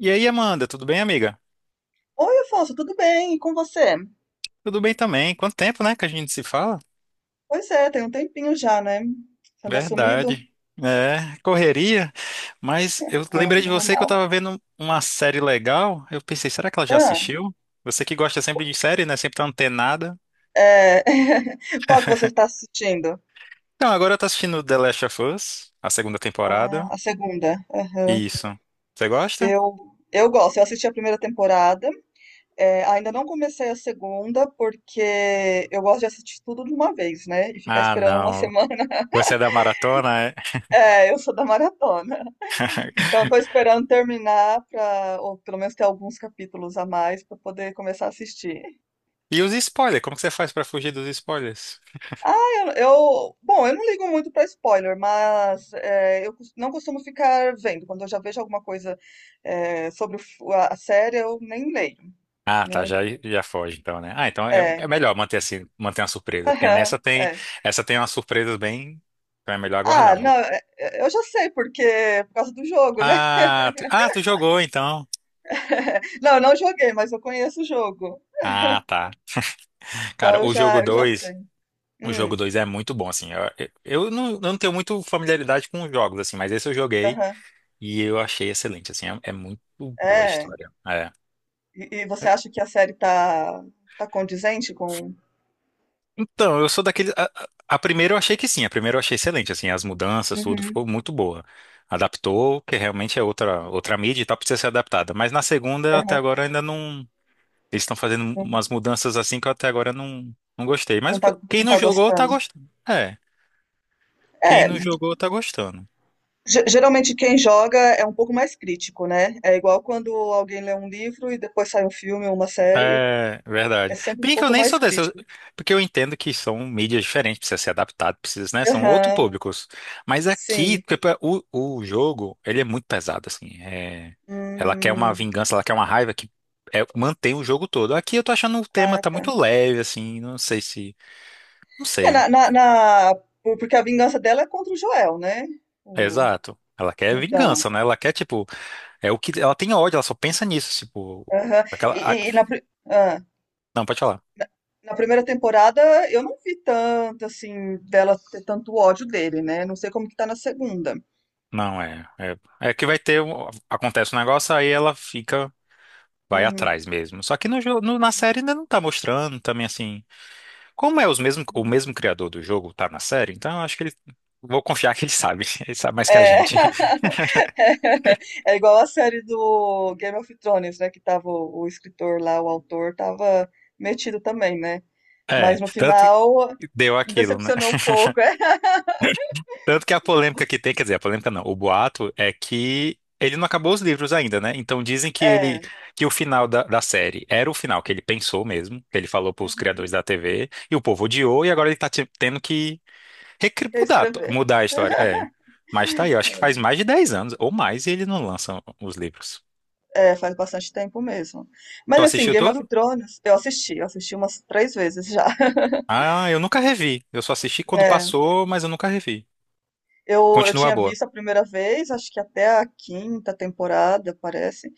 E aí, Amanda, tudo bem, amiga? Oi, Afonso, tudo bem? E com você? Tudo bem também. Quanto tempo, né, que a gente se fala? Pois é, tem um tempinho já, né? Você anda sumido? Verdade. É, correria. Mas eu Ah, lembrei de você que eu normal. tava vendo uma série legal. Eu pensei, será que ela já Ah, assistiu? Você que gosta sempre de série, né? Sempre tá antenada. é, qual que você está assistindo? Então, agora eu tô assistindo The Last of Us, a segunda Ah, temporada. a segunda. Aham. Isso. Você gosta? Eu gosto, eu assisti a primeira temporada. É, ainda não comecei a segunda, porque eu gosto de assistir tudo de uma vez, né? E ficar Ah, esperando uma não. semana. Você é da maratona, é? É, eu sou da maratona. Então, eu tô esperando terminar, ou pelo menos ter alguns capítulos a mais para poder começar a assistir. E os spoilers? Como que você faz pra fugir dos spoilers? Ah, bom, eu não ligo muito pra spoiler, mas é, não costumo ficar vendo. Quando eu já vejo alguma coisa sobre o f- a série, eu nem leio, Ah, tá, né? já foge então, né? Ah, então é, É, é melhor manter assim, manter uma surpresa, porque nessa tem, é. essa tem umas surpresas bem, então é melhor Ah, aguardar não, mesmo. é, é, eu já sei porque por causa do jogo, né? Ah, tu jogou então. Não, eu não joguei, mas eu conheço o jogo, Ah, tá. então Cara, eu o jogo já, eu já dois, sei. o jogo Hum, dois é muito bom assim. Eu não tenho muito familiaridade com os jogos assim, mas esse eu joguei aham, e eu achei excelente assim, é muito boa a é. história. É. E você acha que a série tá condizente com? Então, eu sou daquele. A primeira eu achei que sim, a primeira eu achei excelente, assim, as mudanças, tudo Uhum, ficou muito boa. Adaptou, que realmente é outra, outra mídia e tal, precisa ser adaptada. Mas na segunda, até aham, agora, ainda não. Eles estão fazendo não, umas mudanças assim que eu até agora não gostei. Mas não tá, quem não não tá jogou tá gostando? gostando. É, quem É. não jogou tá gostando. Geralmente quem joga é um pouco mais crítico, né? É igual quando alguém lê um livro e depois sai um filme ou uma série, É, é verdade. sempre um Bem que eu pouco nem sou mais desse, eu, crítico. porque eu entendo que são mídias diferentes, precisa ser adaptado, precisa, né? São outros Aham, públicos. Mas aqui, sim. tipo, o jogo, ele é muito pesado, assim. É, ela quer uma Hum, vingança, ela quer uma raiva que é, mantém o jogo todo. Aqui eu tô achando o tema ah, tá tá. muito leve, assim, não sei se. Não É, sei. Porque a vingança dela é contra o Joel, né? O- Exato. Ela quer então vingança, né? Ela quer, tipo, é o que. Ela tem ódio, ela só pensa nisso, tipo. aham. E, Aquela. A- e- e na, pri- ah, não, pode falar. na, na primeira temporada eu não vi tanto, assim, dela ter tanto ódio dele, né? Não sei como que tá na segunda. Não, é. É que vai ter. Um- Acontece um negócio, aí ela fica. Vai Uhum. atrás mesmo. Só que no, jo- no- na série ainda não tá mostrando também assim. Como é os mesmo, o mesmo criador do jogo tá na série, então eu acho que ele. Vou confiar que ele sabe. Ele sabe mais que a É, gente. é igual a série do Game of Thrones, né? Que tava o escritor lá, o autor, tava metido também, né? É. Mas no Tanto que final deu aquilo, né? decepcionou um pouco. Tanto que a polêmica que tem, quer dizer, a polêmica não, o boato é que ele não acabou os livros ainda, né? Então dizem que É, ele, é, que o final da, da série era o final que ele pensou mesmo, que ele falou para os criadores uhum, da TV, e o povo odiou, e agora ele tá te- tendo que recri- mudar, reescrever. mudar a história. É. Mas tá aí, eu acho que faz mais de dez anos ou mais e ele não lança os livros. É, faz bastante tempo mesmo. Tu Mas assim, assistiu Game of todo? Thrones, eu assisti umas três vezes já. Ah, eu nunca revi. Eu só assisti quando É, passou, mas eu nunca revi. eu Continua tinha boa. visto a primeira vez, acho que até a quinta temporada, parece.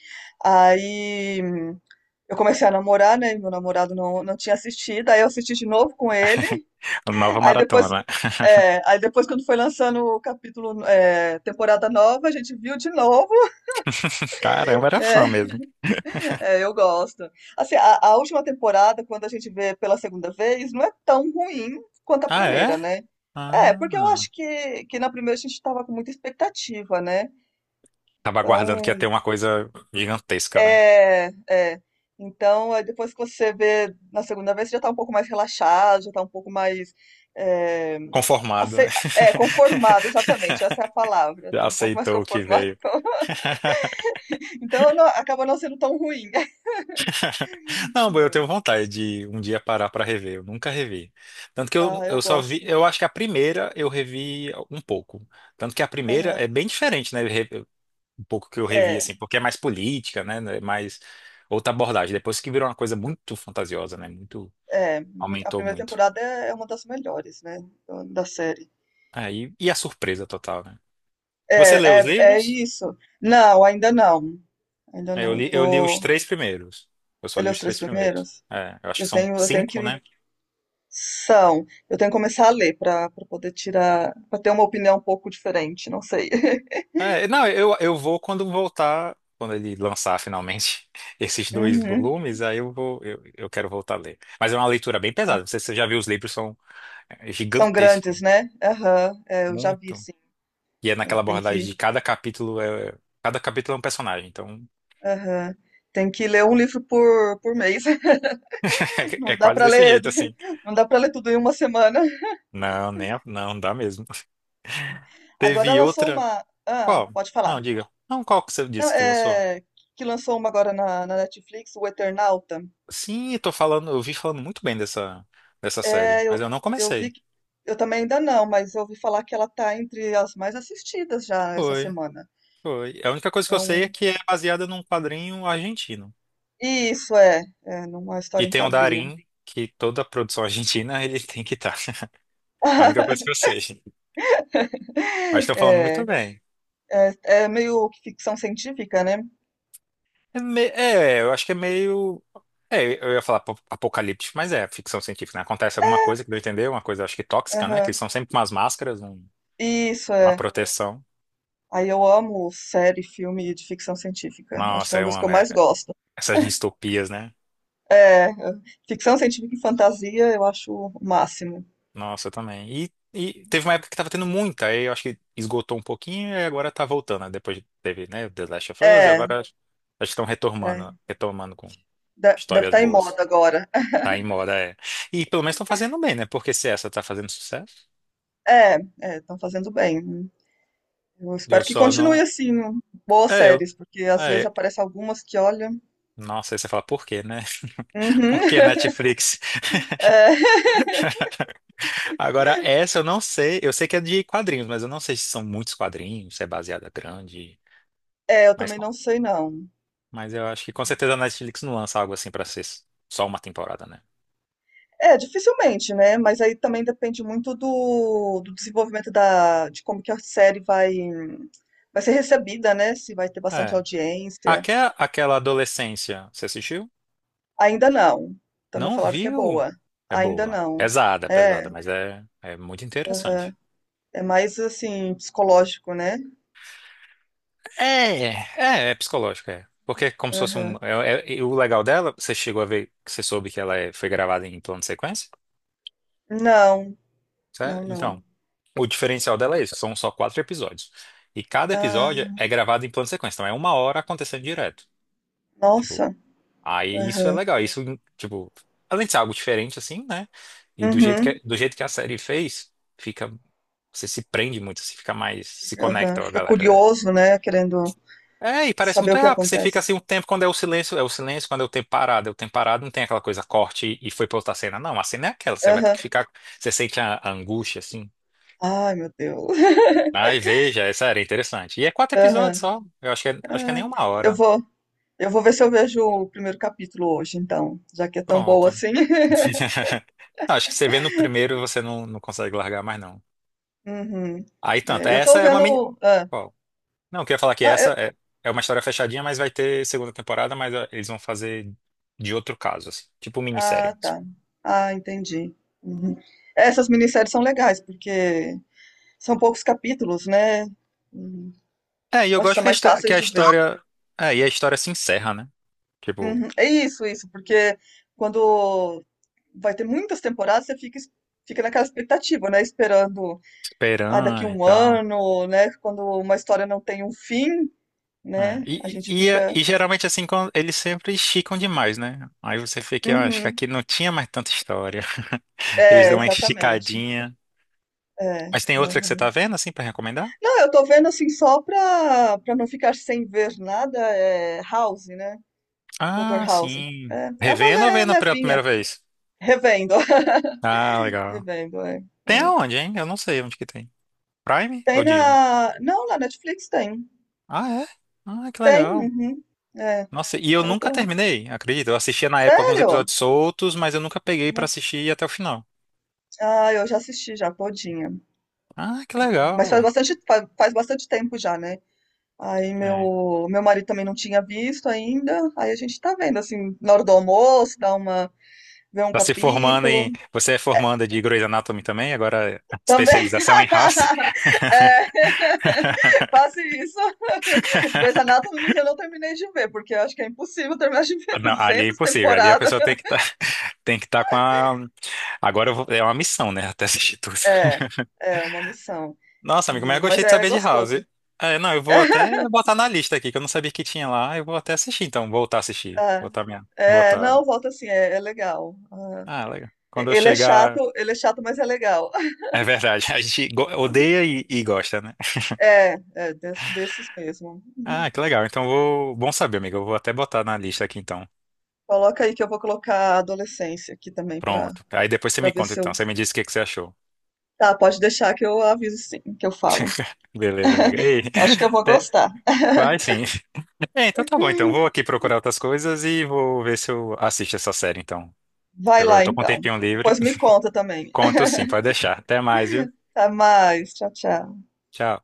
Aí eu comecei a namorar, né? E meu namorado não tinha assistido, aí eu assisti de novo com ele. Nova Aí depois, maratona. Quando foi lançando o capítulo, temporada nova, a gente viu de novo. Caramba, era É, fã mesmo. é, eu gosto. Assim, a última temporada, quando a gente vê pela segunda vez, não é tão ruim quanto a Ah, primeira, é? né? É, porque eu Ah. acho que na primeira a gente estava com muita expectativa, né? Tava aguardando que ia Então, ter uma coisa gigantesca, né? é, é. Então, aí depois que você vê na segunda vez, você já tá um pouco mais relaxado, já tá um pouco mais é, Conformado, né? Conformado, exatamente, essa é a palavra. Já Tá um pouco mais aceitou o que conformado, veio. então, então acaba não sendo tão ruim. Não, eu tenho Hum. vontade de um dia parar pra rever. Eu nunca revi. Tanto que Ah, eu eu só vi. gosto. Eu acho que a primeira eu revi um pouco. Tanto que a primeira é Aham. bem diferente, né? re- Um pouco que eu revi, É, assim, porque é mais política, né? É mais outra abordagem. Depois que virou uma coisa muito fantasiosa, né? Muito. é, uhum. A Aumentou primeira muito. temporada é uma das melhores, né, da série. Aí, e a surpresa total, né? Você leu É, os é, é livros? isso. Não, ainda não. Ainda É, eu não. Eu li, eu li os tô. três primeiros. Eu só Você li leu os os três três primeiros. primeiros? É, eu acho que Eu são tenho, eu tenho cinco, que né? São. Eu tenho que começar a ler para para poder tirar, para ter uma opinião um pouco diferente, não sei. É, não, eu vou quando voltar, quando ele lançar finalmente esses dois Uhum. volumes, aí eu vou, eu quero voltar a ler. Mas é uma leitura bem pesada. Você já viu os livros, são é, São gigantescos, grandes, né? né? Aham, é, eu já vi, Muito. sim. E é É, naquela tem abordagem que, de cada capítulo é um personagem, então aham. Tem que ler um livro por mês. é, é Não dá quase para desse ler, jeito assim. não dá para ler tudo em uma semana. Não, nem, a- não dá mesmo. Agora Teve lançou outra. uma, ah, Qual? pode falar. Não, diga. Não, qual que você Não, disse que lançou? é que lançou uma agora na, na Netflix, o Eternauta. Sim, eu tô falando, eu vi falando muito bem dessa, dessa série, É, mas eu, eu não eu vi, comecei. Eu também ainda não, mas eu ouvi falar que ela tá entre as mais assistidas já essa Foi, semana. foi. A única coisa que É eu sei é um que é baseada num quadrinho argentino. isso, é. É, numa E história em tem o quadrinho. Darín, que toda produção argentina ele tem que estar. A única coisa que eu sei. Mas estão falando muito É, bem. é, é meio que ficção científica, né. É, me- é, eu acho que é meio. É, eu ia falar apo- apocalíptico, mas é ficção científica, né? Acontece alguma coisa que não entendeu, uma coisa acho que tóxica, né? Que eles Aham. são sempre umas máscaras, um- Isso, uma é. proteção. Aí eu amo série, filme de ficção científica. Acho que Nossa, é uma eu das que eu amo é, mais gosto. essas distopias, né? É, ficção científica e fantasia eu acho o máximo. Nossa, eu também. E teve uma época que tava tendo muita, aí eu acho que esgotou um pouquinho e agora tá voltando, né? Depois teve, né, The Last of Us e É, agora acho que estão é. retomando, retomando com De deve histórias estar em boas. moda agora. Tá em moda, é. E pelo menos estão fazendo bem, né? Porque se essa tá fazendo sucesso, É, é, estão fazendo bem. Eu eu espero que só continue não. assim, boas É, eu. séries, porque às vezes É. aparecem algumas que, olham. Nossa, aí você fala, por quê, né? Uhum. Por que Netflix? É. Agora, essa eu não sei. Eu sei que é de quadrinhos, mas eu não sei se são muitos quadrinhos, se é baseada grande. É, eu Mas. também não sei não. Mas eu acho que com certeza a Netflix não lança algo assim pra ser só uma temporada, né? É, dificilmente, né, mas aí também depende muito do desenvolvimento da de como que a série vai ser recebida, né, se vai ter bastante É. audiência. Aquela, aquela adolescência, você assistiu? Ainda não, também Não falaram que é viu? boa. É Ainda boa. não. Pesada, É, pesada, mas é muito interessante. aham. É mais, assim, psicológico, né. É, é psicológica, é. Porque é como se fosse um, Aham. é- é- e o legal dela, você chegou a ver, você soube que ela é- foi gravada em plano de sequência? Não, Certo? não, não. Então, o diferencial dela é isso, são só quatro episódios. E cada episódio Ah, é gravado em plano de sequência, então é uma hora acontecendo direto. Tipo. nossa. Aí isso é Aham. legal, isso, tipo, além de ser algo diferente, assim, né? E do jeito que, é, Uhum. do jeito que a série fez, fica, você se prende muito, você fica mais, se Aham. conecta, ó, Fica galera, né. curioso, né, querendo É, e parece saber muito o que rápido, você fica acontece. assim um tempo, quando é o silêncio, quando é o tempo parado, é o tempo parado, não tem aquela coisa corte e foi pra outra cena, não, a cena é aquela, você vai ter que Aham. ficar, você sente a angústia, assim. Ai, meu Deus. Ai, veja, essa era interessante. E é quatro episódios Aham. só, eu acho que é nem Ah, uma eu hora. vou, eu vou ver se eu vejo o primeiro capítulo hoje, então, já que é tão boa Pronto. assim. Não, acho que você vê no primeiro, você não, não consegue largar mais, não. Uhum. Aí tanto, É, eu tô essa é uma mini... vendo. Ah, Ó, não, eu queria falar que não, essa é, é uma história fechadinha, mas vai ter segunda temporada, mas ó, eles vão fazer de outro caso, assim, tipo minissérie ah, mesmo. tá. Ah, entendi. Uhum. É, essas minisséries são legais, porque são poucos capítulos, né? Uhum. É, e eu Acho que gosto são que a mais histó- que fáceis a de ver. história... É, e a história se encerra, né? Tipo, Uhum. É isso, isso, porque quando vai ter muitas temporadas, você fica, fica naquela expectativa, né? Esperando, ah, daqui esperando e um tal. ano, né? Quando uma história não tem um fim, É, né? A E, gente fica. e geralmente assim, quando eles sempre esticam demais, né? Aí você fica, ah, acho que Uhum. aqui não tinha mais tanta história. Eles É, dão uma exatamente. esticadinha. É. Mas tem outra que você tá Aham. vendo, assim, pra recomendar? Não, eu tô vendo assim só pra não ficar sem ver nada, é House, né? Dr. Ah, House. sim. É, é uma Revendo ou le- vendo pela primeira levinha. vez? Revendo. Ah, legal. Revendo, é, Tem é. aonde, hein? Eu não sei onde que tem. Prime ou Tem Disney? na. Não, na Netflix tem. Ah, é? Ah, que Tem, legal. uhum. É. Nossa, e eu Aí eu nunca tô. terminei, acredito. Eu assistia na época alguns Sério? episódios soltos, mas eu nunca peguei pra É. assistir até o final. Ah, eu já assisti já, todinha. Ah, que Mas faz legal. bastante tempo já, né? Aí É. meu marido também não tinha visto ainda. Aí a gente tá vendo assim, na hora do almoço, dá uma, vê um Tá se formando em. capítulo. Você é formanda de Grey's Anatomy também, agora Também especialização em House. é, quase isso. Grey's Anatomy eu não terminei de ver, porque eu acho que é impossível terminar de ver Não, ali é 200 impossível. Ali a temporadas. pessoa tem que estar tem que tá com a. Agora eu vou, é uma missão, né? Até assistir tudo. É, é uma missão. Nossa, amigo, mas eu Mas gostei de é saber de House. gostoso. É, não, eu vou até botar na lista aqui, que eu não sabia que tinha lá. Eu vou até assistir, então. Voltar a assistir. É, Botar minha. é, Botar. não, volta assim, é, é legal. Ah, Ah, legal. Quando eu chegar. Ele é chato, mas é legal. É verdade. A gente go- odeia e gosta, né? É, é desses mesmo. Uhum. Ah, que legal. Então vou. Bom saber, amigo. Eu vou até botar na lista aqui, então. Coloca aí que eu vou colocar a adolescência aqui também pra Pronto. Aí depois você para me ver conta, se então. eu. Você me diz o que que você achou. Tá, pode deixar que eu aviso sim, que eu falo. Beleza, amiga. Ei, Acho que eu vou até, gostar. vai sim. É, então tá bom, então. Vou aqui procurar outras coisas e vou ver se eu assisto essa série, então. Porque Vai agora eu lá tô com um então. tempinho livre. Depois me conta também. Conto sim, pode deixar. Até mais, viu? Até mais. Tchau, tchau. Tchau.